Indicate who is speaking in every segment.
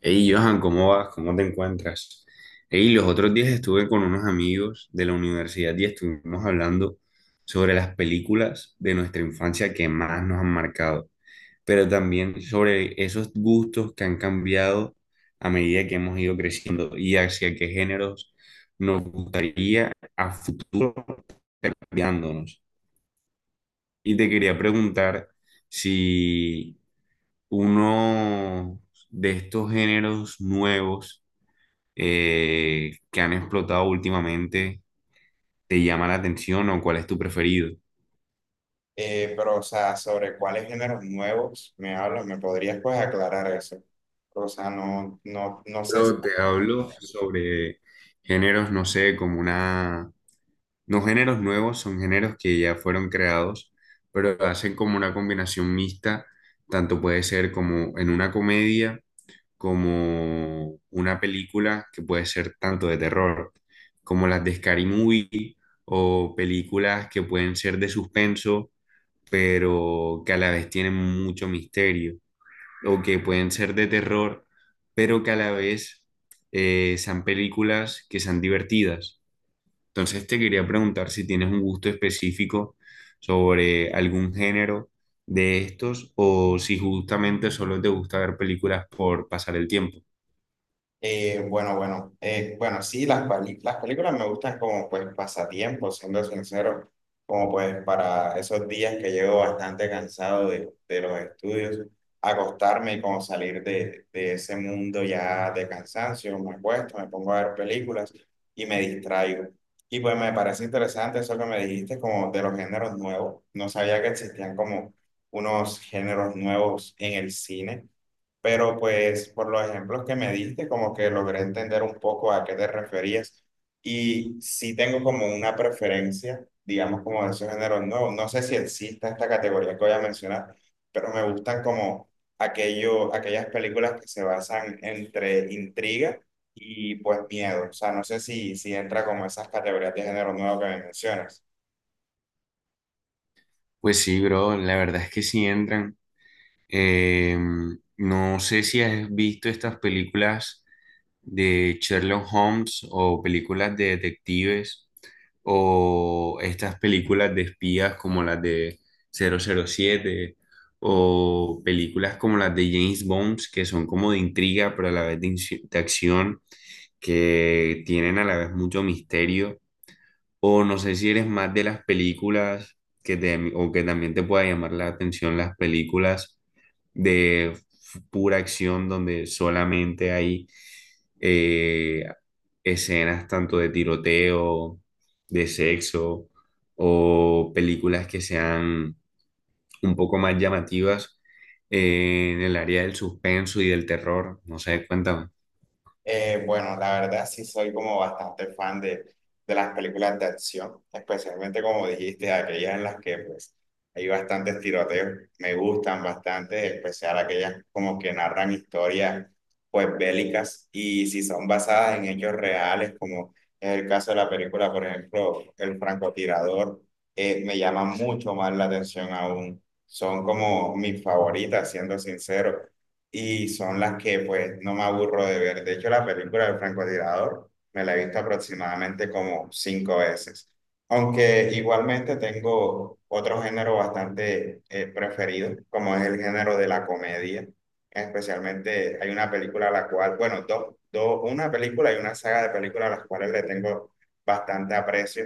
Speaker 1: Hey, Johan, ¿cómo vas? ¿Cómo te encuentras? Hey, los otros días estuve con unos amigos de la universidad y estuvimos hablando sobre las películas de nuestra infancia que más nos han marcado, pero también sobre esos gustos que han cambiado a medida que hemos ido creciendo y hacia qué géneros nos gustaría a futuro cambiándonos. Y te quería preguntar si uno de estos géneros nuevos que han explotado últimamente, ¿te llama la atención o cuál es tu preferido?
Speaker 2: Pero, o sea, sobre cuáles géneros nuevos me hablas, ¿me podrías pues aclarar eso? O sea, no, no, no sé.
Speaker 1: Pero te hablo sobre géneros, no sé, como una... No, géneros nuevos, son géneros que ya fueron creados, pero hacen como una combinación mixta, tanto puede ser como en una comedia, como una película que puede ser tanto de terror, como las de Scary Movie, o películas que pueden ser de suspenso pero que a la vez tienen mucho misterio, o que pueden ser de terror, pero que a la vez sean películas que sean divertidas. Entonces te quería preguntar si tienes un gusto específico sobre algún género de estos, o si justamente solo te gusta ver películas por pasar el tiempo.
Speaker 2: Bueno, bueno, bueno, sí, las películas me gustan como pues pasatiempos, siendo sincero, como pues para esos días que llego bastante cansado de los estudios, acostarme y como salir de ese mundo ya de cansancio, me acuesto, me pongo a ver películas y me distraigo. Y pues me parece interesante eso que me dijiste como de los géneros nuevos, no sabía que existían como unos géneros nuevos en el cine, pero pues por los ejemplos que me diste, como que logré entender un poco a qué te referías y sí tengo como una preferencia, digamos, como de esos géneros nuevos. No sé si exista esta categoría que voy a mencionar, pero me gustan como aquellas películas que se basan entre intriga y pues miedo. O sea, no sé si entra como esas categorías de género nuevo que me mencionas.
Speaker 1: Pues sí, bro, la verdad es que sí entran. Eh, no sé si has visto estas películas de Sherlock Holmes, o películas de detectives, o estas películas de espías como las de cero cero siete, o películas como las de James Bond que son como de intriga pero a la vez de, de acción, que tienen a la vez mucho misterio, o no sé si eres más de las películas que te, o que también te pueda llamar la atención las películas de pura acción, donde solamente hay eh, escenas tanto de tiroteo, de sexo, o películas que sean un poco más llamativas en el área del suspenso y del terror. No sé, cuéntame.
Speaker 2: Bueno, la verdad sí soy como bastante fan de las películas de acción, especialmente como dijiste, aquellas en las que pues hay bastantes tiroteos, me gustan bastante, en especial aquellas como que narran historias pues bélicas y si son basadas en hechos reales, como es el caso de la película, por ejemplo, El francotirador. Me llama mucho más la atención aún, son como mis favoritas, siendo sincero, y son las que pues no me aburro de ver. De hecho, la película del francotirador me la he visto aproximadamente como 5 veces. Aunque igualmente tengo otro género bastante preferido, como es el género de la comedia. Especialmente hay una película a la cual, bueno, dos, una película y una saga de películas a las cuales le tengo bastante aprecio.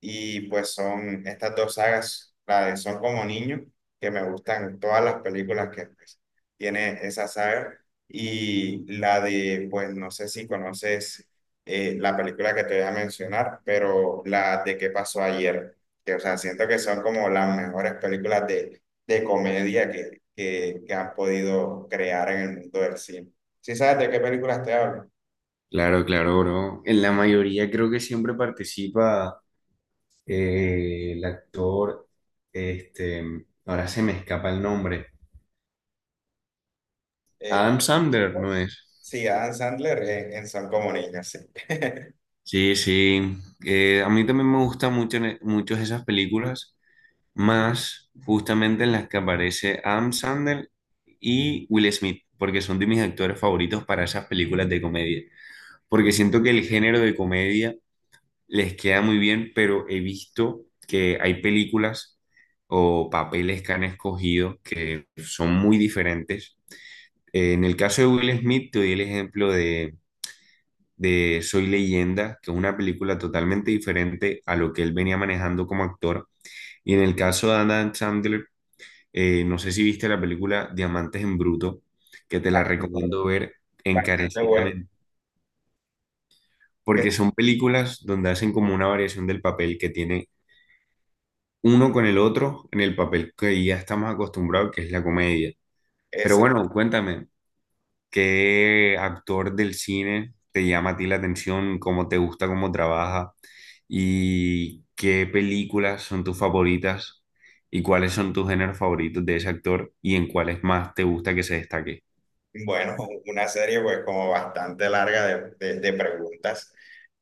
Speaker 2: Y pues son estas dos sagas, la de Son como niños, que me gustan todas las películas que, pues, tiene esa saga. Y la de, pues no sé si conoces la película que te voy a mencionar, pero la de qué pasó ayer, que o sea, siento que son como las mejores películas de comedia que han podido crear en el mundo del cine. ¿Sí sabes de qué películas te hablo?
Speaker 1: Claro, claro, bro. En la mayoría creo que siempre participa el actor, este, ahora se me escapa el nombre.
Speaker 2: Eh,
Speaker 1: Adam Sandler, ¿no es?
Speaker 2: sí, Adam Sandler en Son como niños, sí.
Speaker 1: Sí, sí. A mí también me gustan mucho, muchos esas películas, más justamente en las que aparece Adam Sandler y Will Smith, porque son de mis actores favoritos para esas películas de comedia. Porque siento que el género de comedia les queda muy bien, pero he visto que hay películas o papeles que han escogido que son muy diferentes. En el caso de Will Smith, te doy el ejemplo de Soy Leyenda, que es una película totalmente diferente a lo que él venía manejando como actor. Y en el caso de Adam Sandler, no sé si viste la película Diamantes en Bruto, que te la recomiendo ver
Speaker 2: Bastante bueno.
Speaker 1: encarecidamente,
Speaker 2: que
Speaker 1: porque son películas donde hacen como una variación del papel que tiene uno con el otro en el papel que ya estamos acostumbrados, que es la comedia. Pero
Speaker 2: Esa.
Speaker 1: bueno, cuéntame, ¿qué actor del cine te llama a ti la atención? ¿Cómo te gusta, cómo trabaja? ¿Y qué películas son tus favoritas? ¿Y cuáles son tus géneros favoritos de ese actor? ¿Y en cuáles más te gusta que se destaque?
Speaker 2: Bueno, una serie pues como bastante larga de preguntas.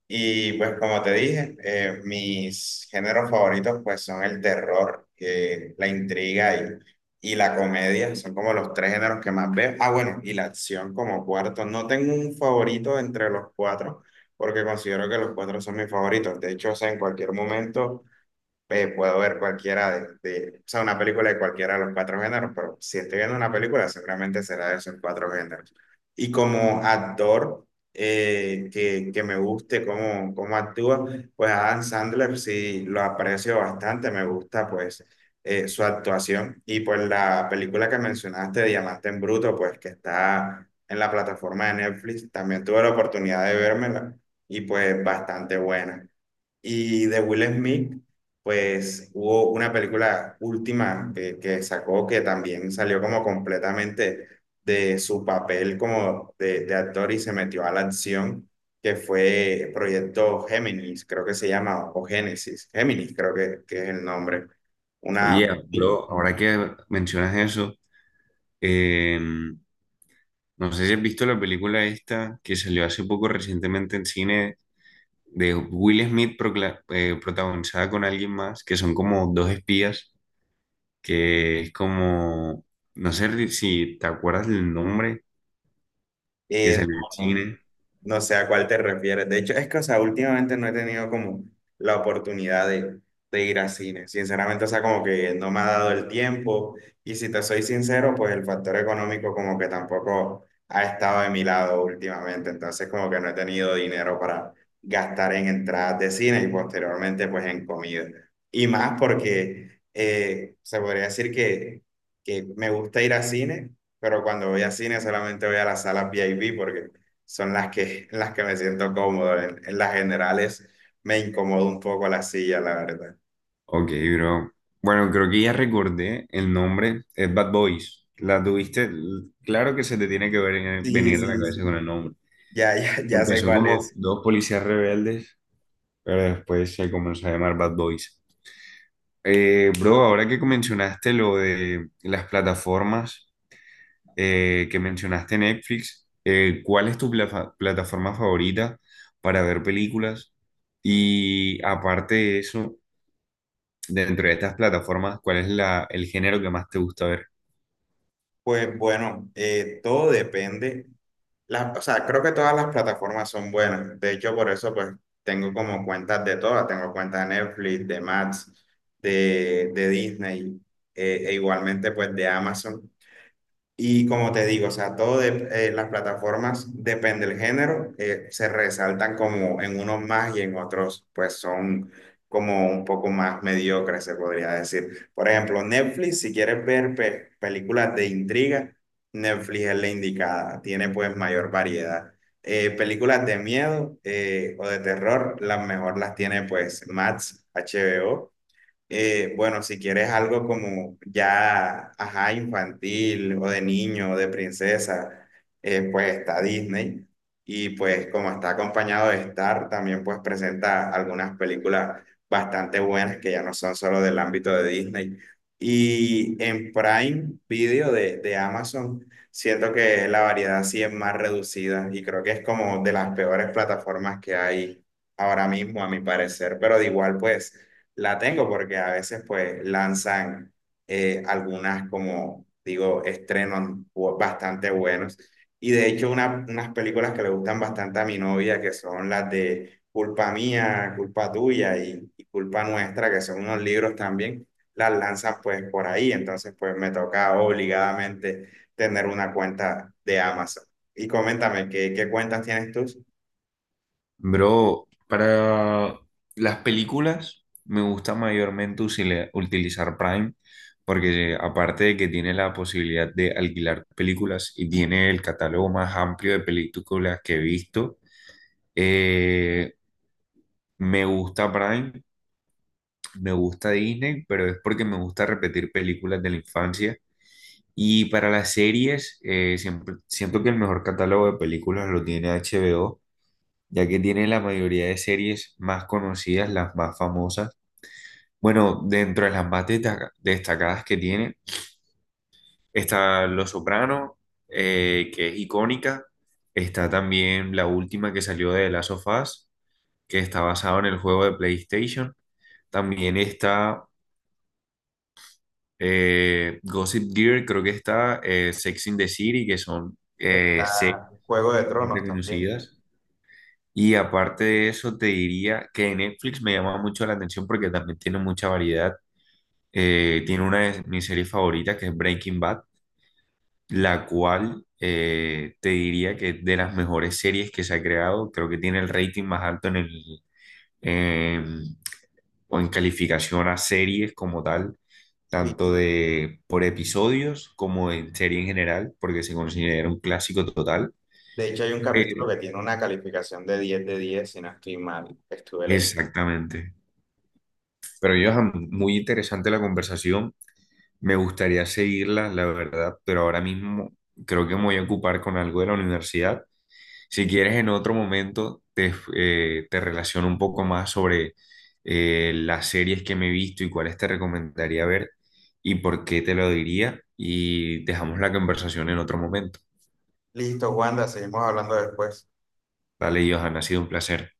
Speaker 2: Y pues como te dije, mis géneros favoritos pues son el terror, la intriga y la comedia, son como los tres géneros que más veo. Ah, bueno, y la acción como cuarto. No tengo un favorito entre los cuatro, porque considero que los cuatro son mis favoritos. De hecho, o sea, en cualquier momento puedo ver cualquiera o sea, una película de cualquiera de los cuatro géneros, pero si estoy viendo una película, seguramente será de esos cuatro géneros. Y como actor que me guste cómo actúa, pues Adam Sandler sí lo aprecio bastante, me gusta pues su actuación. Y pues la película que mencionaste, Diamante en Bruto, pues que está en la plataforma de Netflix, también tuve la oportunidad de vérmela y pues bastante buena. Y de Will Smith, pues hubo una película última que sacó que también salió como completamente de su papel como de actor y se metió a la acción, que fue Proyecto Géminis, creo que se llama, o Génesis, Géminis creo que es el nombre. Una...
Speaker 1: Oye, bro, ahora que mencionas eso, eh, no sé si has visto la película esta que salió hace poco recientemente en cine, de Will Smith protagonizada con alguien más, que son como dos espías, que es como, no sé si te acuerdas del nombre, que
Speaker 2: eh,
Speaker 1: salió en
Speaker 2: no, no,
Speaker 1: cine.
Speaker 2: no sé a cuál te refieres. De hecho, es que, o sea, últimamente no he tenido como la oportunidad de ir a cine. Sinceramente, o sea, como que no me ha dado el tiempo. Y si te soy sincero, pues el factor económico como que tampoco ha estado de mi lado últimamente. Entonces, como que no he tenido dinero para gastar en entradas de cine y posteriormente, pues en comida. Y más porque se podría decir que me gusta ir a cine, pero cuando voy a cine solamente voy a las salas V I VIP porque son las que, me siento cómodo. En las generales me incomoda un poco la silla, la verdad.
Speaker 1: Ok, bro. Bueno, creo que ya recordé el nombre, es Bad Boys. La tuviste, claro que se te tiene que
Speaker 2: Sí,
Speaker 1: venir a la
Speaker 2: sí, sí.
Speaker 1: cabeza con el nombre.
Speaker 2: Ya, ya, ya sé
Speaker 1: Empezó
Speaker 2: cuál
Speaker 1: como
Speaker 2: es.
Speaker 1: dos policías rebeldes, pero después se comenzó a llamar Bad Boys. Bro, ahora que mencionaste lo de las plataformas, que mencionaste Netflix, ¿cuál es tu plataforma favorita para ver películas? Y aparte de eso, dentro de estas plataformas, ¿cuál es la, el género que más te gusta ver?
Speaker 2: Pues bueno, todo depende. O sea, creo que todas las plataformas son buenas. De hecho, por eso pues tengo como cuentas de todas. Tengo cuentas de Netflix, de Max, de Disney, e igualmente pues de Amazon. Y como te digo, o sea, todo las plataformas depende del género, se resaltan como en unos más y en otros pues son como un poco más mediocres, se podría decir. Por ejemplo, Netflix, si quieres ver películas de intriga, Netflix es la indicada, tiene pues mayor variedad. Películas de miedo o de terror, las mejor las tiene pues Max, HBO. Bueno, si quieres algo como ya, ajá, infantil o de niño o de princesa, pues está Disney. Y pues como está acompañado de Star, también pues presenta algunas películas bastante buenas que ya no son solo del ámbito de Disney. Y en Prime Video de Amazon, siento que la variedad sí es más reducida y creo que es como de las peores plataformas que hay ahora mismo, a mi parecer, pero de igual pues la tengo porque a veces pues lanzan algunas como digo, estrenos bastante buenos. Y de hecho unas películas que le gustan bastante a mi novia, que son las de Culpa Mía, Culpa Tuya y Culpa Nuestra, que son unos libros también, las lanzan pues por ahí. Entonces pues me toca obligadamente tener una cuenta de Amazon. Y coméntame, ¿qué cuentas tienes tú?
Speaker 1: Bro, para las películas me gusta mayormente utilizar Prime, porque aparte de que tiene la posibilidad de alquilar películas y tiene el catálogo más amplio de películas que he visto, eh, me gusta Prime. Me gusta Disney, pero es porque me gusta repetir películas de la infancia. Y para las series, siempre, siento que el mejor catálogo de películas lo tiene HBO, ya que tiene la mayoría de series más conocidas, las más famosas. Bueno, dentro de las más destacadas que tiene, está Los Soprano, que es icónica. Está también la última que salió de The Last of Us, que está basado en el juego de PlayStation. También está Gossip Girl, creo que está Sex in the City, que son series
Speaker 2: Está Juego de
Speaker 1: muy
Speaker 2: Tronos también.
Speaker 1: reconocidas. Y aparte de eso, te diría que Netflix me llama mucho la atención porque también tiene mucha variedad. Tiene una de mis series favoritas, que es Breaking Bad, la cual te diría que es de las mejores series que se ha creado. Creo que tiene el rating más alto en el, em, o en calificación a series como tal,
Speaker 2: Sí,
Speaker 1: tanto
Speaker 2: sí.
Speaker 1: de por episodios como en serie en general, porque se considera un clásico total.
Speaker 2: De hecho, hay un
Speaker 1: Eh,
Speaker 2: capítulo que tiene una calificación de 10 de 10 si no estoy mal, que estuve leyendo.
Speaker 1: exactamente. Pero yo, muy interesante la conversación. Me gustaría seguirla, la verdad, pero ahora mismo creo que me voy a ocupar con algo de la universidad. Si quieres, en otro momento te, te relaciono un poco más sobre las series que me he visto y cuáles te recomendaría ver y por qué te lo diría. Y dejamos la conversación en otro momento.
Speaker 2: Listo, Wanda, seguimos hablando después.
Speaker 1: Vale, Johan, ha sido un placer.